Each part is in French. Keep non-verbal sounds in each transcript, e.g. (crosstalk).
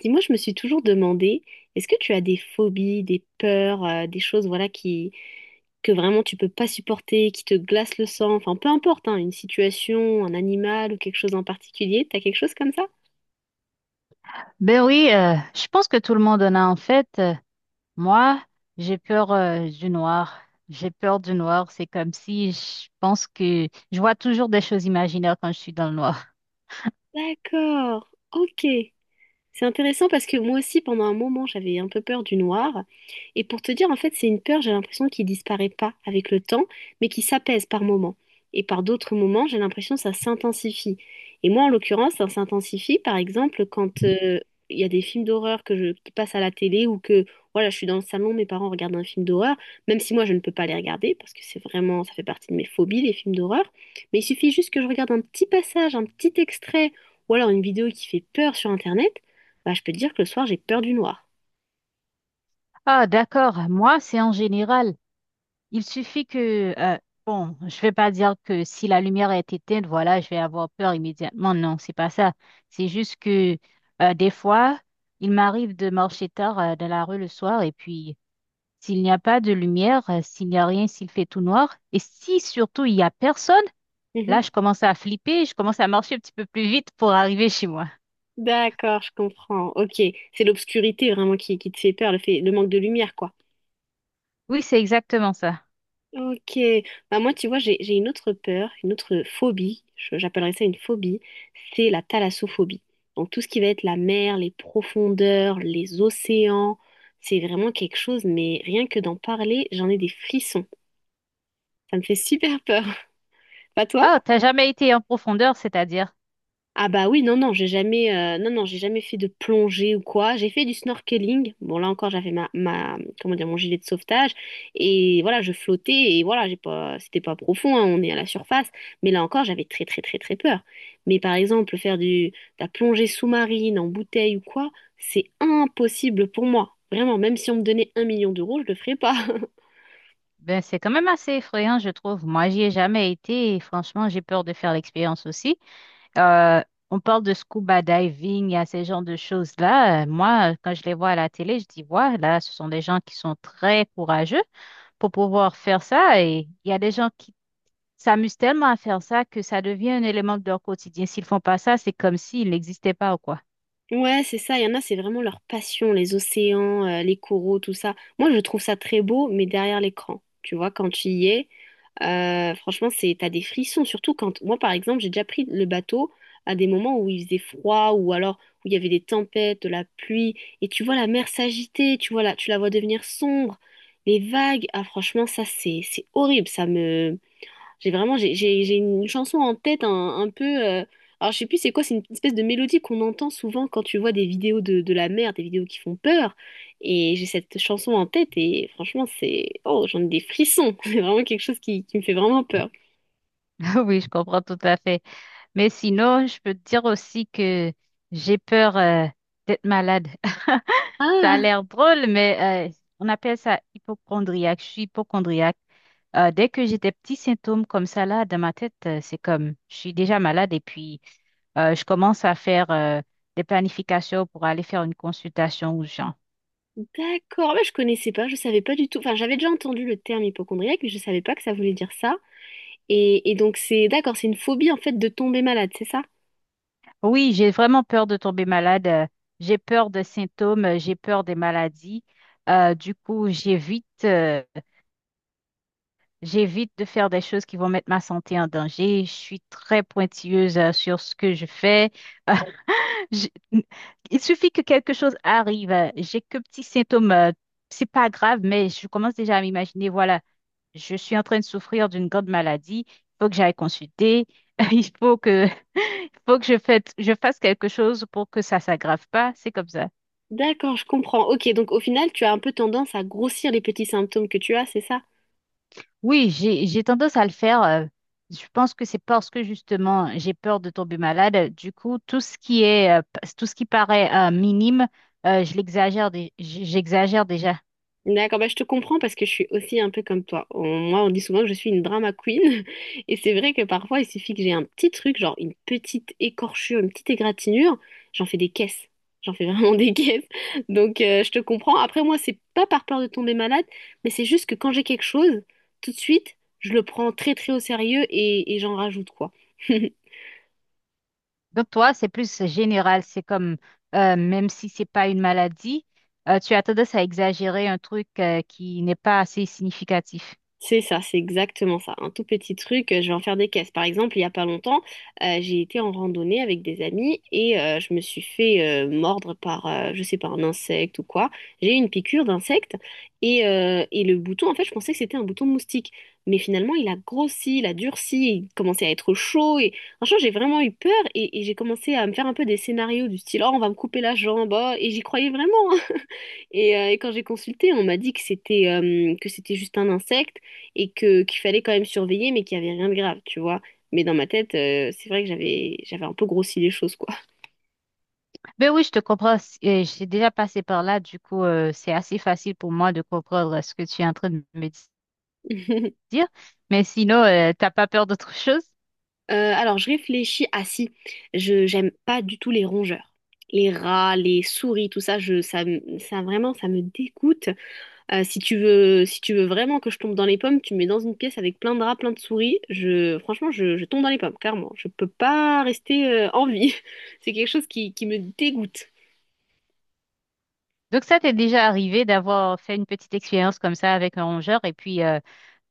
Dis-moi, je me suis toujours demandé, est-ce que tu as des phobies, des peurs, des choses voilà qui que vraiment tu peux pas supporter, qui te glacent le sang, enfin peu importe, hein, une situation, un animal ou quelque chose en particulier, t'as quelque chose comme ça? Ben oui, je pense que tout le monde en a en fait. Moi, j'ai peur du noir. J'ai peur du noir. C'est comme si je pense que je vois toujours des choses imaginaires quand je suis dans le noir. D'accord, ok. C'est intéressant parce que moi aussi, pendant un moment, j'avais un peu peur du noir. Et pour te dire, en fait, c'est une peur, j'ai l'impression, qui disparaît pas avec le temps, mais qui s'apaise par moments. Et par d'autres moments, j'ai l'impression que ça s'intensifie. Et moi, en l'occurrence, ça s'intensifie, par exemple, quand il y a des films d'horreur qui passent à la télé ou que, voilà, je suis dans le salon, mes parents regardent un film d'horreur, même si moi, je ne peux pas les regarder parce que c'est vraiment, ça fait partie de mes phobies, les films d'horreur. Mais il suffit juste que je regarde un petit passage, un petit extrait ou alors une vidéo qui fait peur sur Internet, bah, je peux te dire que le soir, j'ai peur du noir. Ah, d'accord. Moi, c'est en général. Il suffit que bon, je vais pas dire que si la lumière est éteinte, voilà, je vais avoir peur immédiatement. Non, c'est pas ça. C'est juste que des fois, il m'arrive de marcher tard dans la rue le soir et puis s'il n'y a pas de lumière, s'il n'y a rien, s'il fait tout noir, et si surtout il n'y a personne, Mhm. là, je commence à flipper, je commence à marcher un petit peu plus vite pour arriver chez moi. D'accord, je comprends. Ok, c'est l'obscurité vraiment qui te fait peur, le manque de lumière, quoi. Oui, c'est exactement ça. Ok, bah moi tu vois j'ai une autre peur, une autre phobie, j'appellerais ça une phobie, c'est la thalassophobie. Donc tout ce qui va être la mer, les profondeurs, les océans, c'est vraiment quelque chose, mais rien que d'en parler, j'en ai des frissons. Ça me fait super peur. (laughs) Pas toi? Ah, t'as jamais été en profondeur, c'est-à-dire? Ah bah oui, non, non, j'ai jamais, non, non, j'ai jamais fait de plongée ou quoi. J'ai fait du snorkeling. Bon, là encore, j'avais comment dire, mon gilet de sauvetage. Et voilà, je flottais et voilà, j'ai pas, c'était pas profond, hein, on est à la surface. Mais là encore, j'avais très, très, très, très peur. Mais par exemple, faire de la plongée sous-marine en bouteille ou quoi, c'est impossible pour moi. Vraiment, même si on me donnait 1 million d'euros, je le ferais pas. (laughs) Ben, c'est quand même assez effrayant, je trouve. Moi, j'y ai jamais été et franchement, j'ai peur de faire l'expérience aussi. Euh, on parle de scuba diving, il y a ces genres de choses-là. Moi, quand je les vois à la télé, je dis, ouais, là, ce sont des gens qui sont très courageux pour pouvoir faire ça. Et il y a des gens qui s'amusent tellement à faire ça que ça devient un élément de leur quotidien. S'ils font pas ça, c'est comme s'ils n'existaient pas ou quoi. Ouais, c'est ça. Il y en a, c'est vraiment leur passion, les océans, les coraux, tout ça. Moi, je trouve ça très beau, mais derrière l'écran, tu vois, quand tu y es, franchement, t'as des frissons. Surtout quand, moi, par exemple, j'ai déjà pris le bateau à des moments où il faisait froid ou alors où il y avait des tempêtes, de la pluie, et tu vois la mer s'agiter, tu vois là, tu la vois devenir sombre, les vagues. Ah, franchement, ça, c'est horrible. Ça me j'ai vraiment j'ai une chanson en tête, un peu alors je sais plus c'est quoi, c'est une espèce de mélodie qu'on entend souvent quand tu vois des vidéos de la mer, des vidéos qui font peur, et j'ai cette chanson en tête et franchement c'est oh, j'en ai des frissons. (laughs) C'est vraiment quelque chose qui me fait vraiment peur. (laughs) Oui, je comprends tout à fait. Mais sinon, je peux te dire aussi que j'ai peur d'être malade. (laughs) Ça a Ah, l'air drôle, mais on appelle ça hypochondriaque. Je suis hypochondriaque. Dès que j'ai des petits symptômes comme ça là dans ma tête, c'est comme je suis déjà malade et puis, je commence à faire des planifications pour aller faire une consultation aux gens. d'accord. Ouais, je savais pas du tout, enfin j'avais déjà entendu le terme hypocondriaque mais je savais pas que ça voulait dire ça. Et donc c'est, d'accord, c'est une phobie en fait de tomber malade, c'est ça? Oui, j'ai vraiment peur de tomber malade. J'ai peur des symptômes, j'ai peur des maladies. Du coup, j'évite de faire des choses qui vont mettre ma santé en danger. Je suis très pointilleuse sur ce que je fais. (laughs) J'ai- Il suffit que quelque chose arrive. J'ai que petits symptômes. C'est pas grave, mais je commence déjà à m'imaginer, voilà, je suis en train de souffrir d'une grande maladie. Il faut que j'aille consulter. (laughs) Il faut que, (laughs) il faut que je fasse quelque chose pour que ça s'aggrave pas. C'est comme ça. D'accord, je comprends. Ok, donc au final, tu as un peu tendance à grossir les petits symptômes que tu as, c'est ça? Oui, j'ai tendance à le faire. Je pense que c'est parce que justement, j'ai peur de tomber malade. Du coup, tout ce qui est, tout ce qui paraît minime, je l'exagère, j'exagère déjà. D'accord, bah, je te comprends parce que je suis aussi un peu comme toi. Moi, on dit souvent que je suis une drama queen. (laughs) Et c'est vrai que parfois, il suffit que j'ai un petit truc, genre une petite écorchure, une petite égratignure, j'en fais des caisses. J'en fais vraiment (laughs) des caisses. Donc, je te comprends. Après, moi, c'est pas par peur de tomber malade, mais c'est juste que quand j'ai quelque chose, tout de suite, je le prends très, très au sérieux et j'en rajoute, quoi. (laughs) Donc toi, c'est plus général, c'est comme même si c'est pas une maladie, tu as tendance à exagérer un truc qui n'est pas assez significatif. C'est ça, c'est exactement ça. Un tout petit truc, je vais en faire des caisses. Par exemple, il n'y a pas longtemps, j'ai été en randonnée avec des amis et je me suis fait mordre par, je sais pas, un insecte ou quoi. J'ai eu une piqûre d'insecte et le bouton, en fait, je pensais que c'était un bouton de moustique. Mais finalement, il a grossi, il a durci, il commençait à être chaud et franchement, j'ai vraiment eu peur et j'ai commencé à me faire un peu des scénarios du style, oh, on va me couper la jambe, oh, et j'y croyais vraiment, hein. Et quand j'ai consulté, on m'a dit que c'était juste un insecte et que qu'il fallait quand même surveiller, mais qu'il n'y avait rien de grave, tu vois. Mais dans ma tête, c'est vrai que j'avais un peu grossi les choses, quoi. Ben oui, je te comprends. J'ai déjà passé par là, du coup, c'est assez facile pour moi de comprendre ce que tu es en train de me (laughs) dire. Mais sinon, t'as pas peur d'autre (laughs) chose? Alors je réfléchis. Ah si, je j'aime pas du tout les rongeurs, les rats, les souris, tout ça. Ça vraiment, ça me dégoûte. Si tu veux vraiment que je tombe dans les pommes, tu me mets dans une pièce avec plein de rats, plein de souris. Franchement, je tombe dans les pommes, clairement. Je peux pas rester en vie. (laughs) C'est quelque chose qui me dégoûte. Donc ça t'est déjà arrivé d'avoir fait une petite expérience comme ça avec un rongeur et puis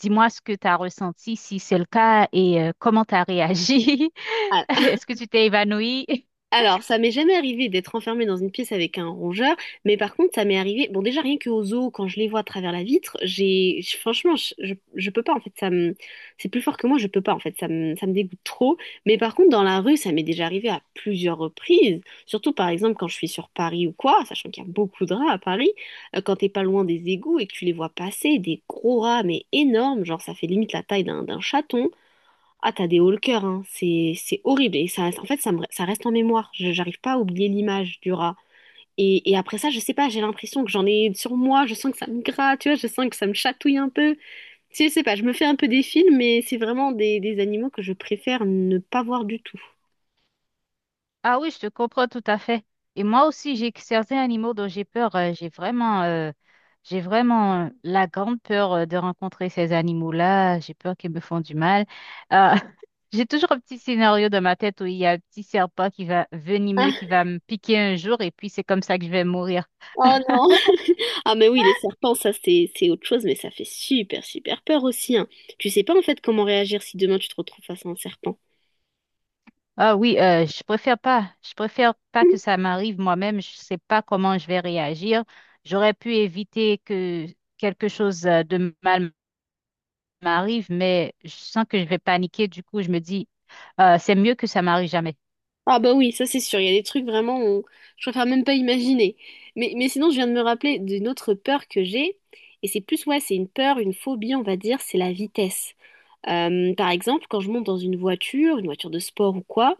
dis-moi ce que tu as ressenti, si c'est le cas et comment tu as réagi. Ah, (laughs) Est-ce que tu t'es évanoui? alors, ça m'est jamais arrivé d'être enfermée dans une pièce avec un rongeur, mais par contre, ça m'est arrivé. Bon, déjà rien que aux zoo, quand je les vois à travers la vitre, franchement, je peux pas en fait. C'est plus fort que moi, je peux pas en fait. Ça me dégoûte trop. Mais par contre, dans la rue, ça m'est déjà arrivé à plusieurs reprises. Surtout par exemple quand je suis sur Paris ou quoi, sachant qu'il y a beaucoup de rats à Paris. Quand t'es pas loin des égouts et que tu les vois passer, des gros rats mais énormes, genre ça fait limite la taille d'un chaton. Ah, t'as des hauts le cœur, hein. C'est horrible. Et ça, en fait, ça reste en mémoire. J'arrive pas à oublier l'image du rat. Et après ça, je sais pas, j'ai l'impression que j'en ai sur moi. Je sens que ça me gratte, tu vois. Je sens que ça me chatouille un peu. Tu sais, je sais pas, je me fais un peu des films, mais c'est vraiment des animaux que je préfère ne pas voir du tout. Ah oui, je te comprends tout à fait. Et moi aussi, j'ai que certains animaux dont j'ai peur. J'ai vraiment la grande peur de rencontrer ces animaux-là. J'ai peur qu'ils me font du mal. Euh, (laughs) j'ai toujours un petit scénario dans ma tête où il y a un petit serpent qui va venimeux, Ah, qui va me piquer un jour, et puis c'est comme ça que je vais mourir. oh non. (laughs) Ah, mais oui, les serpents, ça, c'est autre chose, mais ça fait super, super peur aussi, hein. Tu sais pas, en fait, comment réagir si demain tu te retrouves face à un serpent. Ah oui, je préfère pas. Je préfère pas que (laughs) ça m'arrive moi-même. Je sais pas comment je vais réagir. J'aurais pu éviter que quelque chose de mal m'arrive, mais je sens que je vais paniquer. Du coup, je me dis, c'est mieux que ça m'arrive jamais. Ah bah oui, ça c'est sûr, il y a des trucs vraiment, on... je préfère même pas imaginer. Mais sinon, je viens de me rappeler d'une autre peur que j'ai, et c'est plus, ouais, c'est une peur, une phobie, on va dire, c'est la vitesse. Par exemple, quand je monte dans une voiture de sport ou quoi,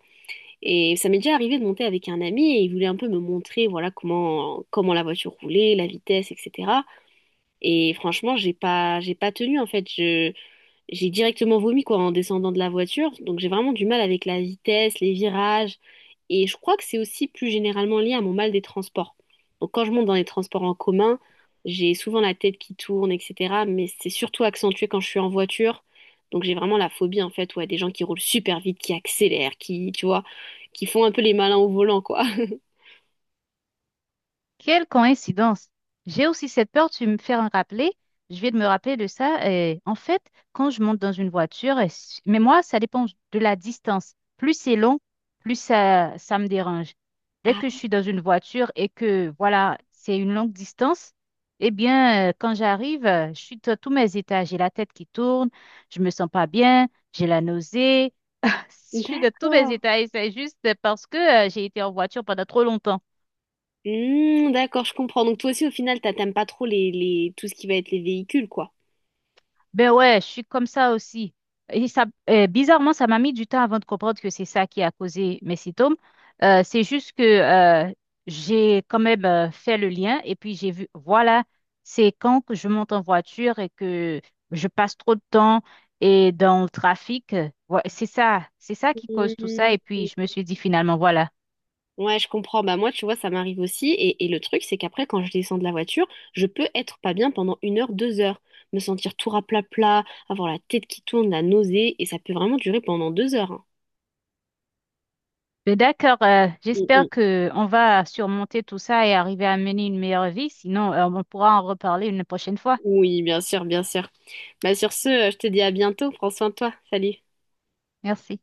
et ça m'est déjà arrivé de monter avec un ami, et il voulait un peu me montrer, voilà, comment la voiture roulait, la vitesse, etc. Et franchement, j'ai pas tenu, en fait, je... J'ai directement vomi quoi en descendant de la voiture, donc j'ai vraiment du mal avec la vitesse, les virages. Et je crois que c'est aussi plus généralement lié à mon mal des transports. Donc quand je monte dans les transports en commun, j'ai souvent la tête qui tourne, etc. Mais c'est surtout accentué quand je suis en voiture. Donc j'ai vraiment la phobie en fait, ouais, des gens qui roulent super vite, qui accélèrent, qui, tu vois, qui font un peu les malins au volant, quoi. (laughs) Quelle coïncidence! J'ai aussi cette peur, tu me fais en rappeler. Je vais me rappeler de ça. Et en fait, quand je monte dans une voiture, mais moi, ça dépend de la distance. Plus c'est long, ça me dérange. Dès que je Ah, suis dans une voiture et que, voilà, c'est une longue distance, eh bien, quand j'arrive, je suis à tous mes états. J'ai la tête qui tourne, je me sens pas bien, j'ai la nausée. Je suis de tous mes d'accord. détails, c'est juste parce que j'ai été en voiture pendant trop longtemps. Hmm, d'accord, je comprends. Donc toi aussi, au final, t'aimes pas trop tout ce qui va être les véhicules, quoi. Ben ouais, je suis comme ça aussi. Et ça, bizarrement, ça m'a mis du temps avant de comprendre que c'est ça qui a causé mes symptômes. C'est juste que j'ai quand même fait le lien et puis j'ai vu, voilà, c'est quand que je monte en voiture et que je passe trop de temps et dans le trafic. Ouais, c'est ça qui cause tout ça. Hmm, Et puis je me suis dit finalement, voilà. ouais, je comprends. Bah moi, tu vois, ça m'arrive aussi. Et le truc, c'est qu'après, quand je descends de la voiture, je peux être pas bien pendant 1 heure, 2 heures, me sentir tout raplapla, avoir la tête qui tourne, la nausée, et ça peut vraiment durer pendant 2 heures, hein. Mais d'accord, Mm, mm. j'espère que on va surmonter tout ça et arriver à mener une meilleure vie. Sinon, on pourra en reparler une prochaine fois. Oui, bien sûr, bien sûr. Bah sur ce, je te dis à bientôt. Prends soin de toi. Salut. Merci.